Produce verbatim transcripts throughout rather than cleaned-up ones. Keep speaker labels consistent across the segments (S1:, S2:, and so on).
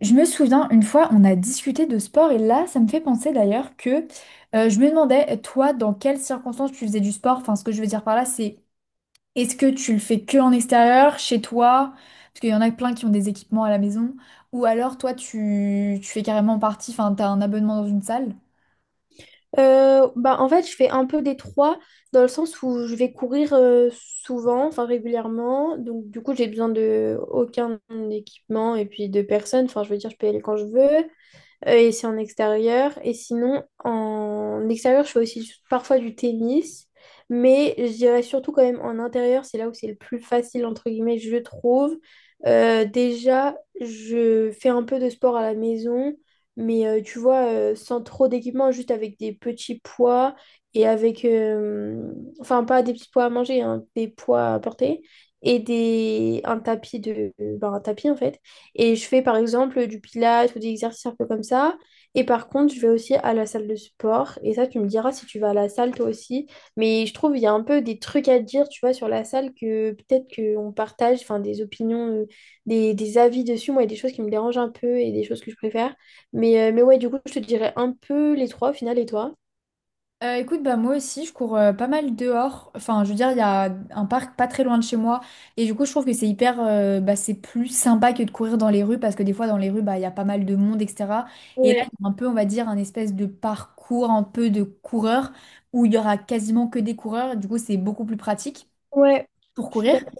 S1: Je me souviens, une fois, on a discuté de sport et là, ça me fait penser d'ailleurs que euh, je me demandais, toi, dans quelles circonstances tu faisais du sport? Enfin, ce que je veux dire par là, c'est est-ce que tu le fais que en extérieur, chez toi? Parce qu'il y en a plein qui ont des équipements à la maison. Ou alors, toi, tu, tu fais carrément partie, enfin, t'as un abonnement dans une salle?
S2: Euh, bah, en fait, je fais un peu des trois dans le sens où je vais courir euh, souvent, enfin régulièrement. Donc, du coup, j'ai besoin de aucun équipement et puis de personne. Enfin, je veux dire, je peux y aller quand je veux. Euh, et c'est en extérieur. Et sinon, en extérieur, je fais aussi parfois du tennis. Mais je dirais surtout quand même en intérieur, c'est là où c'est le plus facile, entre guillemets, je trouve. Euh, déjà, je fais un peu de sport à la maison. Mais euh, tu vois, euh, sans trop d'équipement, juste avec des petits poids et avec... euh, enfin, pas des petits poids à manger, hein, des poids à porter et des, un tapis de... ben, un tapis en fait. Et je fais par exemple du pilates ou des exercices un peu comme ça. Et par contre, je vais aussi à la salle de sport. Et ça, tu me diras si tu vas à la salle toi aussi. Mais je trouve il y a un peu des trucs à dire, tu vois, sur la salle que peut-être qu'on partage, enfin des opinions, euh, des, des avis dessus. Moi, il y a des choses qui me dérangent un peu et des choses que je préfère. Mais, euh, mais ouais, du coup, je te dirais un peu les trois au final. Et toi?
S1: Euh, écoute, bah moi aussi, je cours euh, pas mal dehors. Enfin, je veux dire, il y a un parc pas très loin de chez moi. Et du coup, je trouve que c'est hyper, euh, bah, c'est plus sympa que de courir dans les rues parce que des fois, dans les rues, bah, il y a pas mal de monde, et cetera. Et là,
S2: Ouais,
S1: il y a un peu, on va dire, un espèce de parcours un peu de coureur où il y aura quasiment que des coureurs. Du coup, c'est beaucoup plus pratique
S2: ouais,
S1: pour
S2: je suis
S1: courir.
S2: d'accord.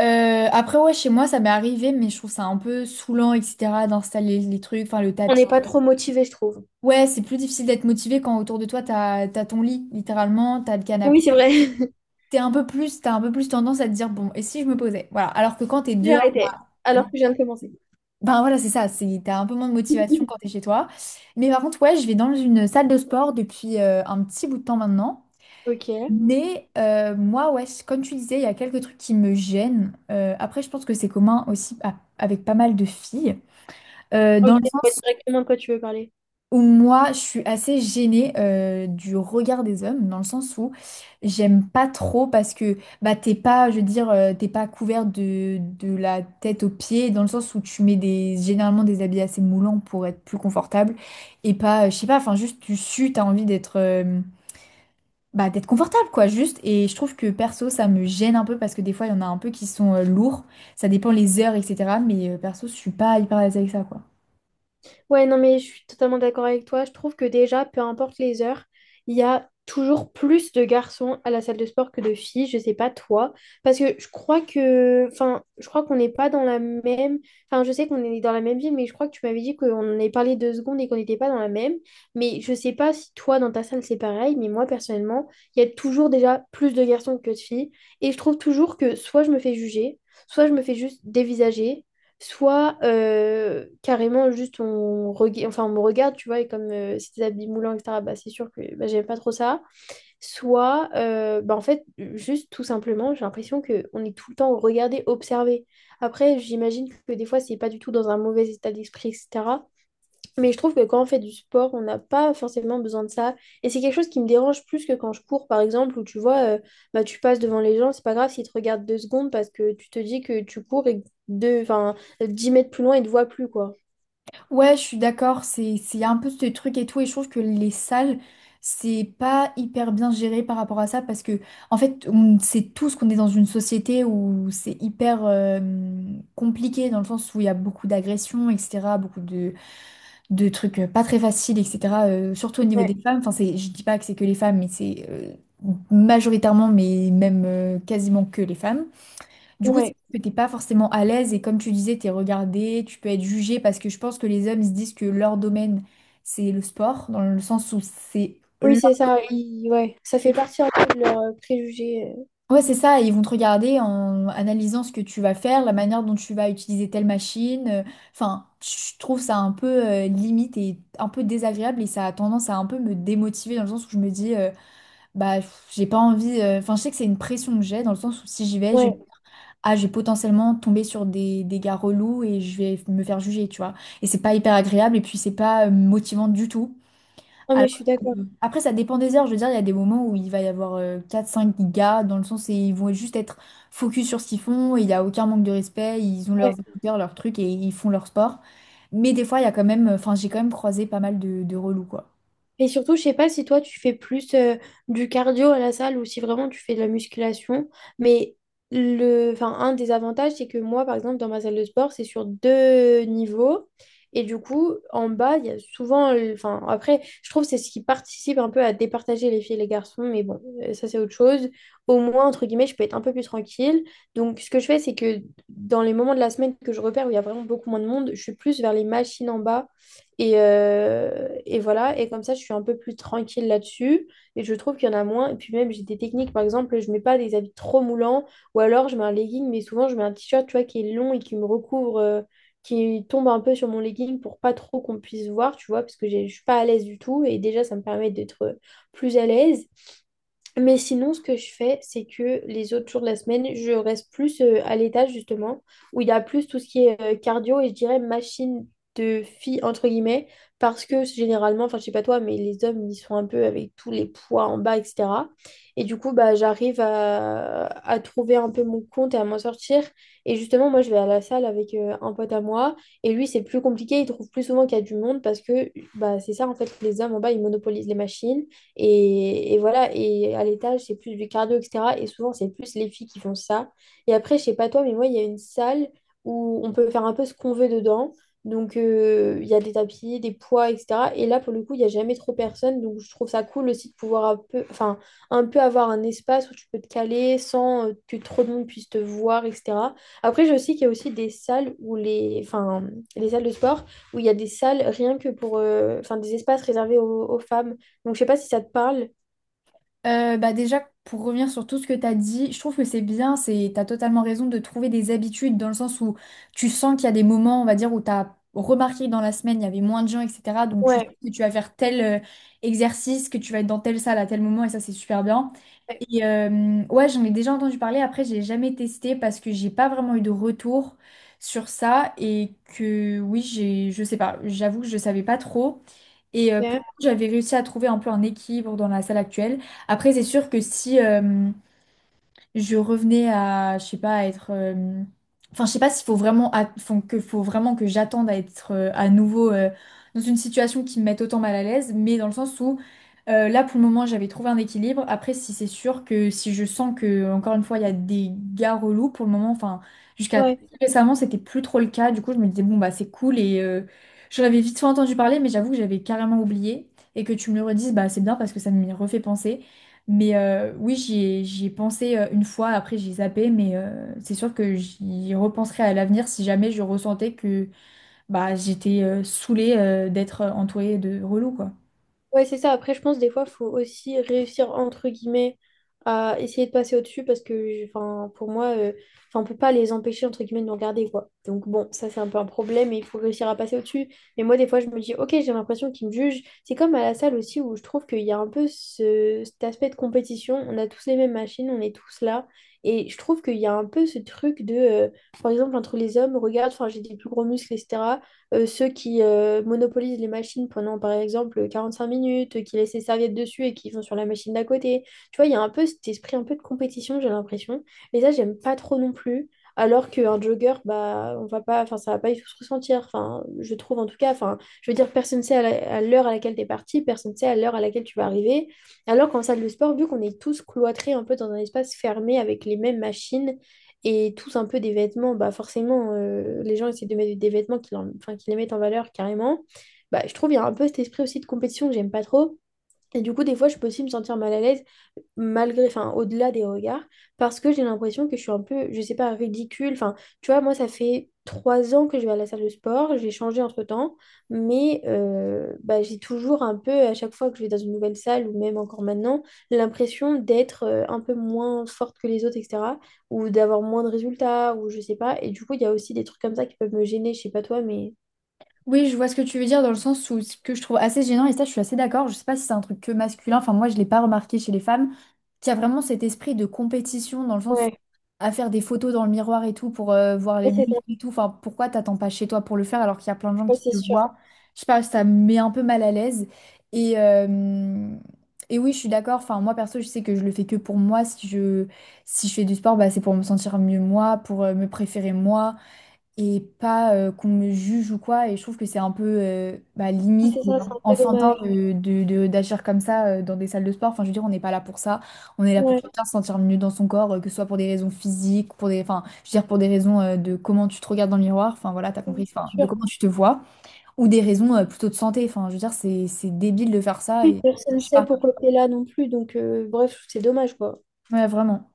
S1: Euh, après, ouais, chez moi, ça m'est arrivé, mais je trouve ça un peu saoulant, et cetera, d'installer les trucs, enfin, le
S2: On
S1: tapis.
S2: n'est pas trop motivé, je trouve.
S1: Ouais, c'est plus difficile d'être motivé quand autour de toi, t'as, t'as ton lit, littéralement, t'as le
S2: Oui,
S1: canapé.
S2: c'est vrai.
S1: T'es un peu plus, t'as un peu plus tendance à te dire, bon, et si je me posais? Voilà. Alors que quand t'es
S2: J'ai
S1: dehors,
S2: arrêté. Alors que je viens de commencer.
S1: ben voilà, c'est ça, c'est, t'as un peu moins de motivation quand t'es chez toi. Mais par contre, ouais, je vais dans une salle de sport depuis euh, un petit bout de temps maintenant.
S2: Ok.
S1: Mais euh, moi, ouais, c- comme tu disais, il y a quelques trucs qui me gênent. Euh, après, je pense que c'est commun aussi à- avec pas mal de filles. Euh,
S2: Ok,
S1: dans le
S2: je vois
S1: sens
S2: directement de quoi tu veux parler.
S1: ou moi, je suis assez gênée euh, du regard des hommes, dans le sens où j'aime pas trop parce que bah t'es pas, je veux dire, euh, t'es pas couvert de, de la tête aux pieds, dans le sens où tu mets des généralement des habits assez moulants pour être plus confortable et pas, euh, je sais pas, enfin juste tu sues, t'as envie d'être euh, bah d'être confortable quoi, juste. Et je trouve que perso ça me gêne un peu parce que des fois il y en a un peu qui sont euh, lourds, ça dépend les heures et cetera. Mais euh, perso je suis pas hyper à l'aise avec ça quoi.
S2: Ouais, non, mais je suis totalement d'accord avec toi. Je trouve que déjà, peu importe les heures, il y a toujours plus de garçons à la salle de sport que de filles. Je sais pas toi. Parce que je crois que. Enfin, je crois qu'on n'est pas dans la même. Enfin, je sais qu'on est dans la même ville, mais je crois que tu m'avais dit qu'on en avait parlé deux secondes et qu'on n'était pas dans la même. Mais je sais pas si toi, dans ta salle, c'est pareil. Mais moi, personnellement, il y a toujours déjà plus de garçons que de filles. Et je trouve toujours que soit je me fais juger, soit je me fais juste dévisager. Soit euh, carrément juste on, rega- enfin, on me regarde, tu vois, et comme euh, c'est des habits moulants, et cetera, bah, c'est sûr que bah, j'aime pas trop ça. Soit, euh, bah, en fait, juste tout simplement, j'ai l'impression qu'on est tout le temps regardé, observé. Après, j'imagine que des fois, c'est pas du tout dans un mauvais état d'esprit, et cetera. Mais je trouve que quand on fait du sport, on n'a pas forcément besoin de ça. Et c'est quelque chose qui me dérange plus que quand je cours, par exemple, où tu vois, euh, bah, tu passes devant les gens, c'est pas grave s'ils te regardent deux secondes parce que tu te dis que tu cours et que deux, enfin, dix mètres plus loin, ils te voient plus, quoi.
S1: Ouais, je suis d'accord, c'est c'est un peu ce truc et tout, et je trouve que les salles, c'est pas hyper bien géré par rapport à ça, parce que, en fait, on sait tous qu'on est dans une société où c'est hyper euh, compliqué, dans le sens où il y a beaucoup d'agressions, et cetera, beaucoup de, de trucs euh, pas très faciles, et cetera, euh, surtout au niveau des
S2: Ouais,
S1: femmes, enfin, c'est, je dis pas que c'est que les femmes, mais c'est euh, majoritairement, mais même euh, quasiment que les femmes. Du coup,
S2: ouais.
S1: c'est que t'es pas forcément à l'aise et comme tu disais, t'es regardé, tu peux être jugé parce que je pense que les hommes ils se disent que leur domaine c'est le sport, dans le sens où c'est
S2: Oui,
S1: leur...
S2: c'est ça. ils- ouais. Ça fait partie un peu de leurs euh, préjugés. euh.
S1: Ouais, c'est ça, ils vont te regarder en analysant ce que tu vas faire, la manière dont tu vas utiliser telle machine. euh, Enfin, je trouve ça un peu euh, limite et un peu désagréable et ça a tendance à un peu me démotiver dans le sens où je me dis, euh, bah, pff, j'ai pas envie, euh, enfin, je sais que c'est une pression que j'ai dans le sens où si j'y vais, je
S2: Ouais.
S1: ah, je vais potentiellement tomber sur des, des gars relous et je vais me faire juger, tu vois. Et c'est pas hyper agréable et puis c'est pas euh, motivant du tout.
S2: Non,
S1: Alors,
S2: mais je suis d'accord.
S1: après, ça dépend des heures. Je veux dire, il y a des moments où il va y avoir euh, quatre cinq gars dans le sens où ils vont juste être focus sur ce qu'ils font et il n'y a aucun manque de respect. Ils ont
S2: Ouais.
S1: leurs écouteurs, leurs trucs et ils font leur sport. Mais des fois, il y a quand même, enfin, j'ai quand même croisé pas mal de, de relous, quoi.
S2: Et surtout, je sais pas si toi tu fais plus euh, du cardio à la salle ou si vraiment tu fais de la musculation, mais le, enfin, un des avantages, c'est que moi, par exemple, dans ma salle de sport, c'est sur deux niveaux. Et du coup, en bas, il y a souvent, le- enfin, après, je trouve que c'est ce qui participe un peu à départager les filles et les garçons, mais bon, euh, ça c'est autre chose. Au moins, entre guillemets, je peux être un peu plus tranquille. Donc, ce que je fais, c'est que dans les moments de la semaine que je repère où il y a vraiment beaucoup moins de monde, je suis plus vers les machines en bas et, euh, et voilà, et comme ça, je suis un peu plus tranquille là-dessus. Et je trouve qu'il y en a moins. Et puis même, j'ai des techniques, par exemple, je mets pas des habits trop moulants, ou alors je mets un legging, mais souvent, je mets un t-shirt, tu vois, qui est long et qui me recouvre, euh, qui tombe un peu sur mon legging pour pas trop qu'on puisse voir, tu vois, parce que j'ai- je suis pas à l'aise du tout. Et déjà, ça me permet d'être plus à l'aise. Mais sinon, ce que je fais, c'est que les autres jours de la semaine, je reste plus euh, à l'étage, justement, où il y a plus tout ce qui est euh, cardio et je dirais machine de fille, entre guillemets, parce que généralement, enfin, je sais pas toi, mais les hommes, ils sont un peu avec tous les poids en bas, et cetera. Et du coup, bah, j'arrive à, à trouver un peu mon compte et à m'en sortir. Et justement, moi, je vais à la salle avec euh, un pote à moi et lui, c'est plus compliqué, il trouve plus souvent qu'il y a du monde parce que, bah, c'est ça, en fait, les hommes en bas, ils monopolisent les machines. Et, et voilà, et à l'étage, c'est plus du cardio, et cetera. Et souvent, c'est plus les filles qui font ça. Et après, je sais pas toi, mais moi, il y a une salle où on peut faire un peu ce qu'on veut dedans. Donc, euh, il y a des tapis, des poids, et cetera. Et là, pour le coup, il n'y a jamais trop personne. Donc, je trouve ça cool aussi de pouvoir un peu, enfin, un peu avoir un espace où tu peux te caler sans euh, que trop de monde puisse te voir, et cetera. Après, je sais qu'il y a aussi des salles où les, enfin, les salles de sport où il y a des salles rien que pour, euh, enfin, des espaces réservés aux, aux femmes. Donc, je sais pas si ça te parle.
S1: Euh, bah déjà, pour revenir sur tout ce que tu as dit, je trouve que c'est bien, c'est, tu as totalement raison de trouver des habitudes dans le sens où tu sens qu'il y a des moments, on va dire, où tu as remarqué que dans la semaine, il y avait moins de gens, et cetera. Donc tu sais
S2: Ouais,
S1: que tu vas faire tel euh, exercice, que tu vas être dans telle salle à tel moment, et ça, c'est super bien.
S2: ouais,
S1: Et euh, ouais, j'en ai déjà entendu parler, après, j'ai jamais testé parce que j'ai pas vraiment eu de retour sur ça et que oui, j'ai, je sais pas, j'avoue que je savais pas trop. Et euh, pour
S2: ok.
S1: le coup, j'avais réussi à trouver un peu un équilibre dans la salle actuelle. Après, c'est sûr que si, euh, je revenais à, je sais pas, à être. euh, Enfin, je sais pas s'il faut vraiment, at- enfin, que faut vraiment que j'attende à être euh, à nouveau euh, dans une situation qui me mette autant mal à l'aise, mais dans le sens où euh, là, pour le moment, j'avais trouvé un équilibre. Après, si c'est sûr que si je sens que, encore une fois, il y a des gars relous, pour le moment, enfin, jusqu'à
S2: Ouais,
S1: récemment, c'était plus trop le cas. Du coup, je me disais, bon, bah, c'est cool et euh, j'en avais vite fait entendu parler, mais j'avoue que j'avais carrément oublié et que tu me le redises, bah, c'est bien parce que ça me refait penser. Mais euh, oui, j'y ai, j'y ai pensé euh, une fois, après j'ai zappé, mais euh, c'est sûr que j'y repenserai à l'avenir si jamais je ressentais que bah, j'étais euh, saoulée euh, d'être entourée de relous, quoi.
S2: ouais, c'est ça. Après, je pense des fois, faut aussi réussir entre guillemets à essayer de passer au-dessus parce que, enfin, pour moi, euh, enfin, on peut pas les empêcher entre guillemets de nous regarder, quoi. Donc bon, ça c'est un peu un problème et il faut réussir à passer au-dessus. Mais moi, des fois, je me dis, ok, j'ai l'impression qu'ils me jugent. C'est comme à la salle aussi où je trouve qu'il y a un peu ce, cet aspect de compétition. On a tous les mêmes machines, on est tous là. Et je trouve qu'il y a un peu ce truc de, euh, par exemple, entre les hommes, regarde, enfin, j'ai des plus gros muscles, et cetera euh, ceux qui euh, monopolisent les machines pendant, par exemple, quarante-cinq minutes, euh, qui laissent les serviettes dessus et qui vont sur la machine d'à côté. Tu vois, il y a un peu cet esprit un peu de compétition, j'ai l'impression. Et ça, j'aime pas trop non plus. Alors qu'un jogger, bah, on va pas, enfin, ça va pas du tout se ressentir. Enfin, je trouve en tout cas, enfin, je veux dire, personne ne sait à la- à l'heure à laquelle t'es parti, personne ne sait à l'heure à laquelle tu vas arriver. Alors qu'en salle de sport, vu qu'on est tous cloîtrés un peu dans un espace fermé avec les mêmes machines, et tous un peu des vêtements, bah forcément, euh, les gens essaient de mettre des vêtements qui, leur- enfin, qui les mettent en valeur carrément. Bah, je trouve qu'il y a un peu cet esprit aussi de compétition que j'aime pas trop. Et du coup, des fois, je peux aussi me sentir mal à l'aise, malgré, enfin, au-delà des regards, parce que j'ai l'impression que je suis un peu, je sais pas, ridicule. Enfin, tu vois, moi, ça fait trois ans que je vais à la salle de sport, j'ai changé entre-temps, mais euh, bah, j'ai toujours un peu, à chaque fois que je vais dans une nouvelle salle, ou même encore maintenant, l'impression d'être euh, un peu moins forte que les autres, et cetera, ou d'avoir moins de résultats, ou je sais pas. Et du coup, il y a aussi des trucs comme ça qui peuvent me gêner, je sais pas toi, mais...
S1: Oui, je vois ce que tu veux dire dans le sens où ce que je trouve assez gênant, et ça je suis assez d'accord, je sais pas si c'est un truc que masculin, enfin moi je l'ai pas remarqué chez les femmes, qu'il y a vraiment cet esprit de compétition dans le sens
S2: Ouais,
S1: à faire des photos dans le miroir et tout pour euh, voir les
S2: ouais, c'est ça.
S1: muscles et tout. Enfin, pourquoi t'attends pas chez toi pour le faire alors qu'il y a plein de gens
S2: Ouais,
S1: qui
S2: c'est
S1: te
S2: sûr.
S1: voient? Je sais pas, ça me met un peu mal à l'aise. Et, euh, et oui, je suis d'accord. Enfin, moi perso, je sais que je le fais que pour moi. Si je, si je fais du sport, bah, c'est pour me sentir mieux moi, pour euh, me préférer moi et pas euh, qu'on me juge ou quoi. Et je trouve que c'est un peu euh, bah,
S2: Ouais,
S1: limite
S2: c'est
S1: et
S2: ça, c'est un peu
S1: enfantin
S2: dommage.
S1: de, de- de- d'agir comme ça euh, dans des salles de sport. Enfin, je veux dire, on n'est pas là pour ça. On est là pour
S2: Ouais,
S1: chacun se sentir mieux dans son corps, euh, que ce soit pour des raisons physiques, pour des, enfin, je veux dire, pour des raisons euh, de comment tu te regardes dans le miroir. Enfin, voilà, t'as
S2: c'est
S1: compris. Enfin, de
S2: sûr.
S1: comment tu te vois, ou des raisons euh, plutôt de santé. Enfin, je veux dire, c'est, c'est débile de faire ça.
S2: Oui,
S1: Et
S2: personne ne
S1: je sais
S2: sait
S1: pas.
S2: pourquoi t'es là non plus. Donc, euh, bref, c'est dommage, quoi.
S1: Ouais, vraiment.